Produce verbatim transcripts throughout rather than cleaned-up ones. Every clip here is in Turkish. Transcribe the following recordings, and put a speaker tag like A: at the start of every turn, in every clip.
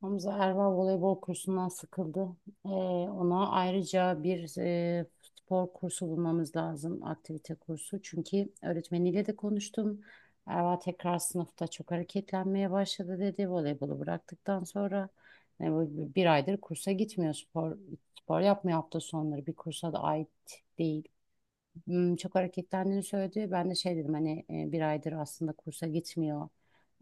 A: Hamza Erva voleybol kursundan sıkıldı. Ee, ona ayrıca bir e, spor kursu bulmamız lazım, aktivite kursu. Çünkü öğretmeniyle de konuştum. Erva tekrar sınıfta çok hareketlenmeye başladı dedi. Voleybolu bıraktıktan sonra e, bu- bir aydır kursa gitmiyor spor. Spor yapmıyor hafta sonları. Bir kursa da ait değil. Hmm, çok hareketlendiğini söyledi. Ben de şey dedim hani e, bir aydır aslında kursa gitmiyor.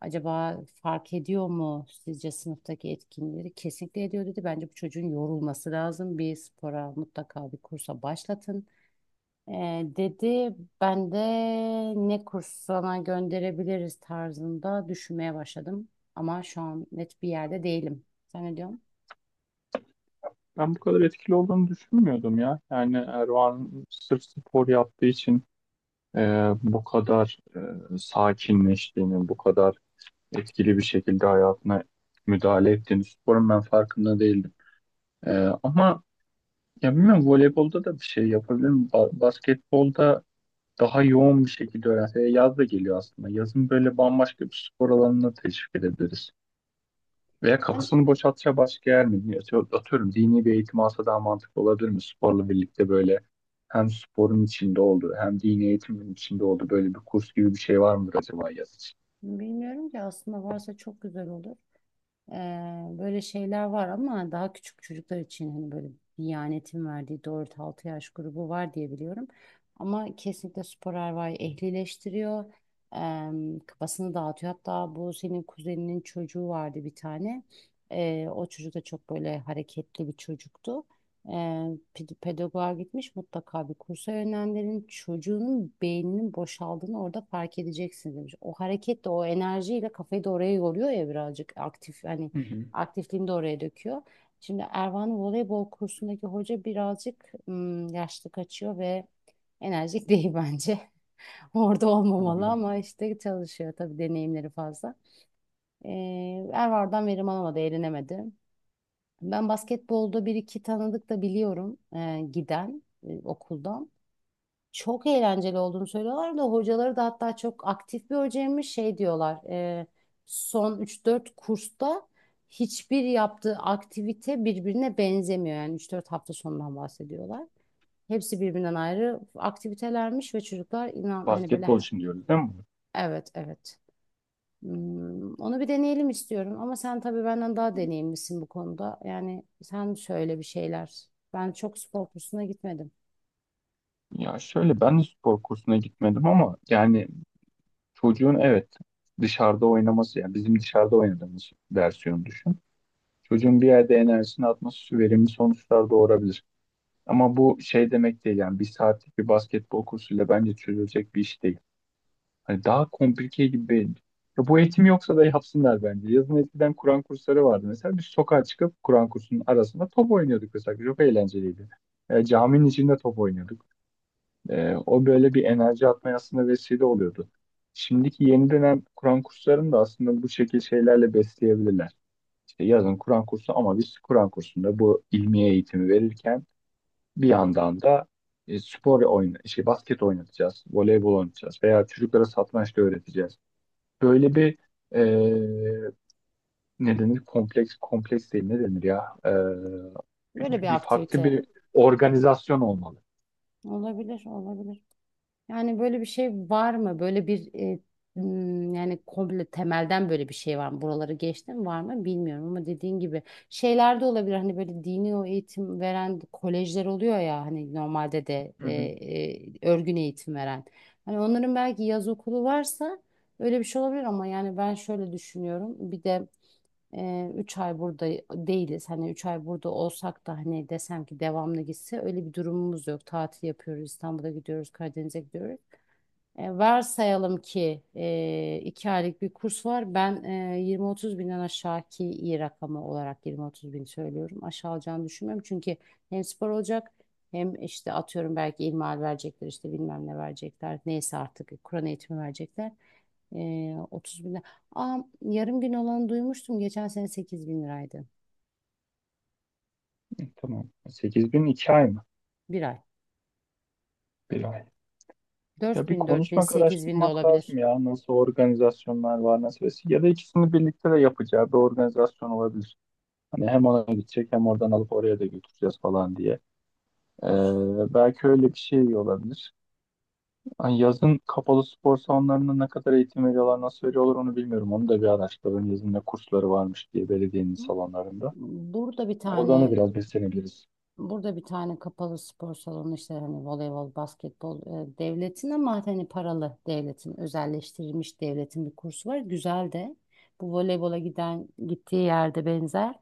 A: Acaba fark ediyor mu sizce sınıftaki etkinlikleri? Kesinlikle ediyor dedi. Bence bu çocuğun yorulması lazım. Bir spora mutlaka bir kursa başlatın. E, dedi ben de ne kursuna gönderebiliriz tarzında düşünmeye başladım. Ama şu an net bir yerde değilim. Sen ne diyorsun?
B: Ben bu kadar etkili olduğunu düşünmüyordum ya. Yani Erdoğan sırf spor yaptığı için e, bu kadar e, sakinleştiğini, bu kadar etkili bir şekilde hayatına müdahale ettiğini, sporun ben farkında değildim. E, ama ya bilmiyorum voleybolda da bir şey yapabilirim. Ba- basketbolda daha yoğun bir şekilde öğrense. e, Yaz da geliyor aslında. Yazın böyle bambaşka bir spor alanına teşvik edebiliriz. Veya
A: Ben
B: kafasını boşaltacağı başka yer mi? Atıyor- Atıyorum, dini bir eğitim alsa daha mantıklı olabilir mi? Sporla birlikte böyle hem sporun içinde olduğu hem dini eğitimin içinde olduğu böyle bir kurs gibi bir şey var mıdır acaba yaz için?
A: bilmiyorum ki, aslında varsa çok güzel olur. Ee, böyle şeyler var ama daha küçük çocuklar için hani böyle Diyanet'in verdiği dört altı yaş grubu var diye biliyorum. Ama kesinlikle spor erva'yı ehlileştiriyor. Ee, kafasını dağıtıyor. Hatta bu senin kuzeninin çocuğu vardı bir tane. Ee, o çocuk da çok böyle hareketli bir çocuktu. E, ped- pedagoğa gitmiş, mutlaka bir kursa yönlendirin. Çocuğunun beyninin boşaldığını orada fark edeceksin demiş. O hareketle, o enerjiyle kafayı da oraya yoruyor ya, birazcık aktif hani,
B: Hı hı,
A: aktifliğini de oraya döküyor. Şimdi Ervan'ın voleybol kursundaki hoca birazcık ım, yaşlı kaçıyor ve enerjik değil bence. Orada olmamalı
B: anladım.
A: ama işte çalışıyor tabii, deneyimleri fazla. E, Ervan'dan verim alamadı, eğlenemedi. Ben basketbolda bir iki tanıdık da biliyorum, e, giden, e, okuldan. Çok eğlenceli olduğunu söylüyorlar da, hocaları da hatta çok aktif bir hocaymış şey diyorlar. E, son üç dört kursta hiçbir yaptığı aktivite birbirine benzemiyor. Yani üç dört hafta sonundan bahsediyorlar. Hepsi birbirinden ayrı aktivitelermiş ve çocuklar inan hani böyle
B: Basketbol için diyoruz, değil mi?
A: evet, evet. Hmm, onu bir deneyelim istiyorum ama sen tabii benden daha deneyimlisin bu konuda. Yani sen söyle bir şeyler. Ben çok spor kursuna gitmedim.
B: Ya şöyle, ben de spor kursuna gitmedim ama yani çocuğun, evet, dışarıda oynaması, yani bizim dışarıda oynadığımız versiyonu düşün. Çocuğun bir yerde enerjisini atması verimli sonuçlar doğurabilir. Ama bu şey demek değil, yani bir saatlik bir basketbol kursuyla bence çözülecek bir iş değil. Hani daha komplike gibi benim. Ya bu eğitim yoksa da yapsınlar bence. Yazın eskiden Kur'an kursları vardı mesela. Biz sokağa çıkıp Kur'an kursunun arasında top oynuyorduk mesela. Çok eğlenceliydi. E, caminin içinde top oynuyorduk. E, o böyle bir enerji atmaya aslında vesile oluyordu. Şimdiki yeni dönem Kur'an kurslarını da aslında bu şekil şeylerle besleyebilirler. İşte yazın Kur'an kursu, ama biz Kur'an kursunda bu ilmiye eğitimi verirken bir yandan da e, spor oyna, işte basket oynatacağız, voleybol oynatacağız veya çocuklara satranç da öğreteceğiz. Böyle bir e, ne denir? Kompleks, kompleks değil, ne denir ya? E,
A: Böyle
B: bir,
A: bir
B: bir farklı
A: aktivite
B: bir organizasyon olmalı.
A: olabilir, olabilir. Yani böyle bir şey var mı? Böyle bir e, m, yani komple temelden böyle bir şey var mı? Buraları geçtim, var mı bilmiyorum ama dediğin gibi şeyler de olabilir. Hani böyle dini o eğitim veren kolejler oluyor ya hani normalde de
B: Hı hı.
A: e, e, örgün eğitim veren. Hani onların belki yaz okulu varsa öyle bir şey olabilir ama yani ben şöyle düşünüyorum. Bir de e, üç ay burada değiliz. Hani üç ay burada olsak da hani desem ki devamlı gitse öyle bir durumumuz yok. Tatil yapıyoruz, İstanbul'a gidiyoruz, Karadeniz'e gidiyoruz. E, varsayalım ki e, iki aylık bir kurs var. Ben e, yirmi otuz binden aşağı, ki iyi rakamı olarak yirmi otuz bin söylüyorum. Aşağı alacağını düşünmüyorum. Çünkü hem spor olacak, hem işte atıyorum belki ilmihal verecekler, işte bilmem ne verecekler. Neyse artık Kur'an eğitimi verecekler. Ee, otuz bin lira. Aa, yarım gün olanı duymuştum. Geçen sene sekiz bin liraydı.
B: E, Tamam. sekiz bin iki ay mı?
A: Bir ay.
B: Bir ay.
A: dört
B: Ya bir
A: bin, dört bin,
B: konuşmak,
A: sekiz bin de
B: araştırmak
A: olabilir.
B: lazım ya. Nasıl organizasyonlar var, nasıl vesile- ya da ikisini birlikte de yapacağı bir organizasyon olabilir. Hani hem ona gidecek hem oradan alıp oraya da götüreceğiz falan diye. Ee, belki öyle bir şey olabilir. Ay, yazın kapalı spor salonlarında ne kadar eğitim veriyorlar, nasıl veriyorlar onu bilmiyorum. Onu da bir araştırın. Yazın ne kursları varmış diye belediyenin salonlarında.
A: Burada bir
B: Oradan da
A: tane
B: biraz beslenebiliriz.
A: Burada bir tane kapalı spor salonu, işte hani voleybol, basketbol, e, devletin ama hani paralı devletin, özelleştirilmiş devletin bir kursu var. Güzel de bu voleybola giden gittiği yerde benzer.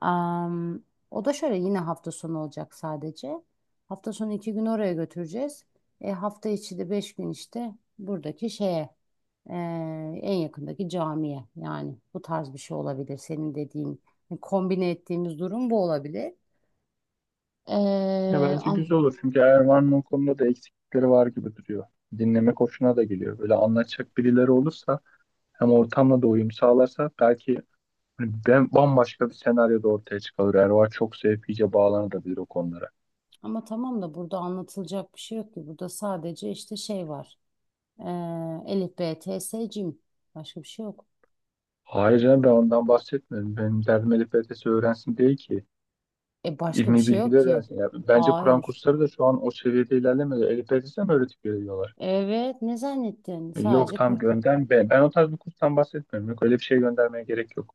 A: Am, o da şöyle, yine hafta sonu olacak sadece. Hafta sonu iki gün oraya götüreceğiz. E, hafta içi de beş gün işte buradaki şeye, e, en yakındaki camiye, yani bu tarz bir şey olabilir. Senin dediğin hani kombine ettiğimiz durum bu olabilir.
B: Ya
A: Ee,
B: bence
A: am-
B: güzel olur çünkü Erman'ın o konuda da eksiklikleri var gibi duruyor. Dinlemek hoşuna da geliyor. Böyle anlatacak birileri olursa, hem ortamla da uyum sağlarsa, belki hani ben bambaşka bir senaryo da ortaya çıkar. Ervan çok sevip iyice bağlanabilir o konulara.
A: ama tamam da burada anlatılacak bir şey yok ki. Burada sadece işte şey var. Ee, Elif, B, T, S, Cim. Başka bir şey yok.
B: Hayır canım, ben ondan bahsetmiyorum. Benim derdim Elif L T S öğrensin değil ki.
A: E, başka bir
B: İlmi
A: şey yok
B: bilgiler
A: ki.
B: öğrensin. Ya, bence Kur'an
A: Hayır.
B: kursları da şu an o seviyede ilerlemedi. Elif L T S'e mi öğretip veriyorlar?
A: Evet, ne zannettin?
B: E, Yok
A: Sadece Kur.
B: tam gönder ben. Ben o tarz bir kurstan bahsetmiyorum. Yok, öyle bir şey göndermeye gerek yok.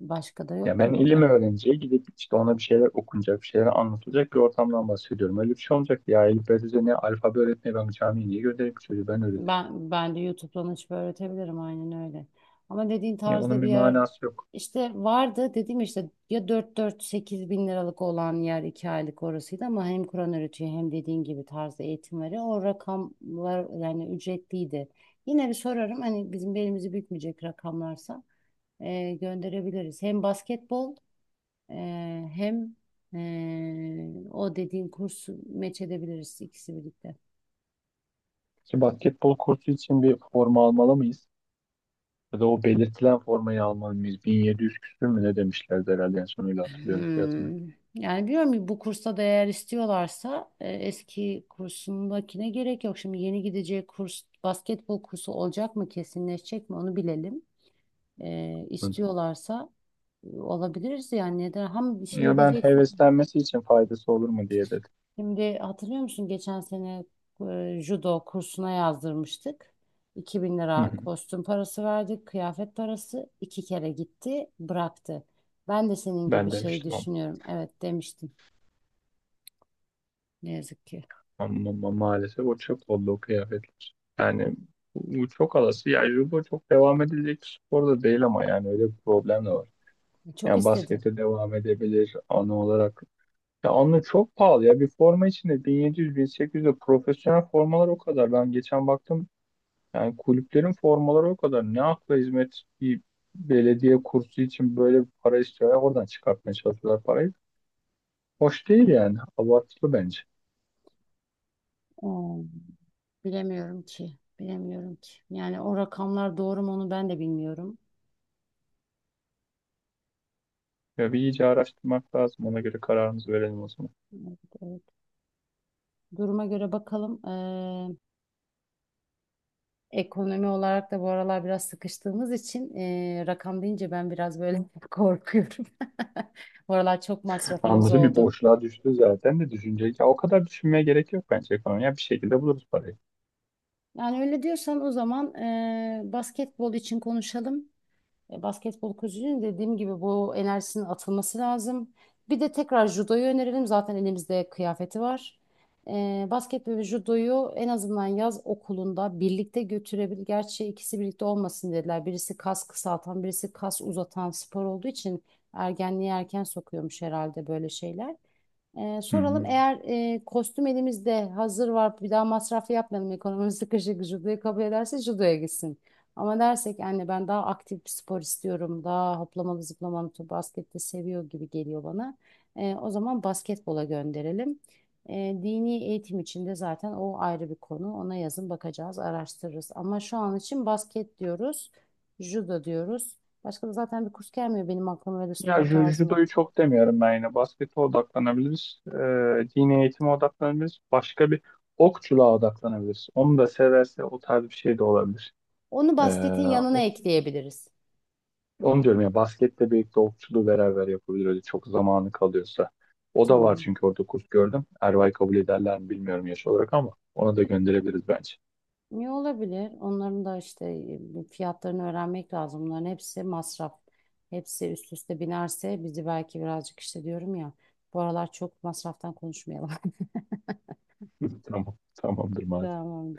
A: Başka da
B: Ya
A: yok ki
B: ben ilim
A: burada.
B: öğreneceği, gidip işte ona bir şeyler okunacak, bir şeyler anlatılacak bir ortamdan bahsediyorum. Öyle bir şey olacak ya. Elif L T S'e ne, alfabe öğretmeye ben camiye niye göndereyim ki? Çocuğu ben öğretirim.
A: Ben ben de YouTube'dan açıp öğretebilirim, aynen öyle. Ama dediğin
B: Ya,
A: tarzda
B: onun bir
A: bir yer
B: manası yok.
A: işte vardı, dediğim işte ya, dört dört-sekiz bin liralık olan yer, iki aylık orasıydı ama hem Kur'an öğretiyor hem dediğin gibi tarzda eğitim veriyor. O rakamlar yani ücretliydi. Yine bir sorarım, hani bizim belimizi bükmeyecek rakamlarsa e, gönderebiliriz. Hem basketbol, ee, hem ee, o dediğin kursu meç edebiliriz, ikisi birlikte.
B: Ki basketbol kursu için bir forma almalı mıyız? Ya da o belirtilen formayı alman bin yedi yüz küsür mü ne demişlerdi, herhalde en son öyle hatırlıyorum fiyatını.
A: Hmm. Yani biliyorum ki bu kursa da, eğer istiyorlarsa e, eski kursundakine gerek yok. Şimdi yeni gideceği kurs basketbol kursu olacak mı, kesinleşecek mi, onu bilelim. E,
B: Hı.
A: istiyorlarsa e, olabiliriz yani, neden? Ham şimdi
B: Ya ben
A: diyeceksin,
B: heveslenmesi için faydası olur mu diye dedim.
A: şimdi hatırlıyor musun geçen sene e, judo kursuna yazdırmıştık. iki bin
B: Hı
A: lira
B: hı.
A: kostüm parası verdik, kıyafet parası. iki kere gitti, bıraktı. Ben de senin gibi
B: Ben
A: şey
B: demiştim ama.
A: düşünüyorum. Evet demiştim. Ne yazık ki.
B: Ama, ama maalesef o çöp oldu o kıyafetler. Yani bu bu çok alası. Ya judo çok devam edilecek bir spor da değil, ama yani öyle bir problem de var.
A: Çok
B: Yani
A: istedi.
B: baskete devam edebilir anı olarak. Ya anı çok pahalı ya. Bir forma içinde bin yedi yüz-bin sekiz yüz de, profesyonel formalar o kadar. Ben geçen baktım, yani kulüplerin formaları o kadar. Ne akla hizmet bir belediye kursu için böyle bir para istiyorlar. Oradan çıkartmaya çalışıyorlar parayı. Hoş değil yani. Abartılı bence.
A: Hmm, Bilemiyorum ki. Bilemiyorum ki. Yani o rakamlar doğru mu, onu ben de bilmiyorum.
B: Ya bir iyice araştırmak lazım. Ona göre kararımızı verelim o zaman.
A: Evet, evet. Duruma göre bakalım. Ekonomi olarak da bu aralar biraz sıkıştığımız için e, rakam deyince ben biraz böyle korkuyorum. Bu aralar çok masrafımız
B: Anladım, bir
A: oldu.
B: boşluğa düştü zaten de düşünce. Ya o kadar düşünmeye gerek yok bence ekonomi. Ya bir şekilde buluruz parayı.
A: Yani öyle diyorsan o zaman e, basketbol için konuşalım. E, Basketbol kulübünün, dediğim gibi bu enerjisinin atılması lazım. Bir de tekrar judoyu önerelim. Zaten elimizde kıyafeti var. E, basketbol ve judoyu en azından yaz okulunda birlikte götürebilir. Gerçi ikisi birlikte olmasın dediler. Birisi kas kısaltan, birisi kas uzatan spor olduğu için ergenliğe erken sokuyormuş herhalde, böyle şeyler. Ee,
B: Hı
A: soralım,
B: hı.
A: eğer e, kostüm elimizde hazır var, bir daha masraf yapmayalım, ekonomimiz sıkışık, judoyu kabul ederse judoya gitsin. Ama dersek anne ben daha aktif bir spor istiyorum, daha hoplamalı zıplamalı, top, baskette seviyor gibi geliyor bana. Ee, o zaman basketbola gönderelim. Ee, dini eğitim içinde zaten o ayrı bir konu, ona yazın bakacağız, araştırırız. Ama şu an için basket diyoruz, judo diyoruz. Başka da zaten bir kurs gelmiyor benim aklıma, öyle
B: Ya
A: spor
B: ju-
A: tarzında.
B: judoyu çok demiyorum ben yine. Baskete odaklanabiliriz. Ee, dini eğitime odaklanabiliriz. Başka bir, okçuluğa odaklanabiliriz. Onu da severse o tarz bir şey de olabilir.
A: Onu
B: Ee,
A: basketin yanına
B: o-
A: ekleyebiliriz.
B: Onu diyorum ya, basketle birlikte okçuluğu beraber yapabilir öyle, çok zamanı kalıyorsa. O da var
A: Tamam.
B: çünkü orada kurs gördüm. Erbay kabul ederler mi bilmiyorum yaş olarak, ama ona da gönderebiliriz bence.
A: Niye, olabilir? Onların da işte e, fiyatlarını öğrenmek lazım. Bunların hepsi masraf. Hepsi üst üste binerse bizi belki birazcık, işte diyorum ya. Bu aralar çok masraftan konuşmayalım.
B: Tamam, tamamdır madem.
A: Tamam.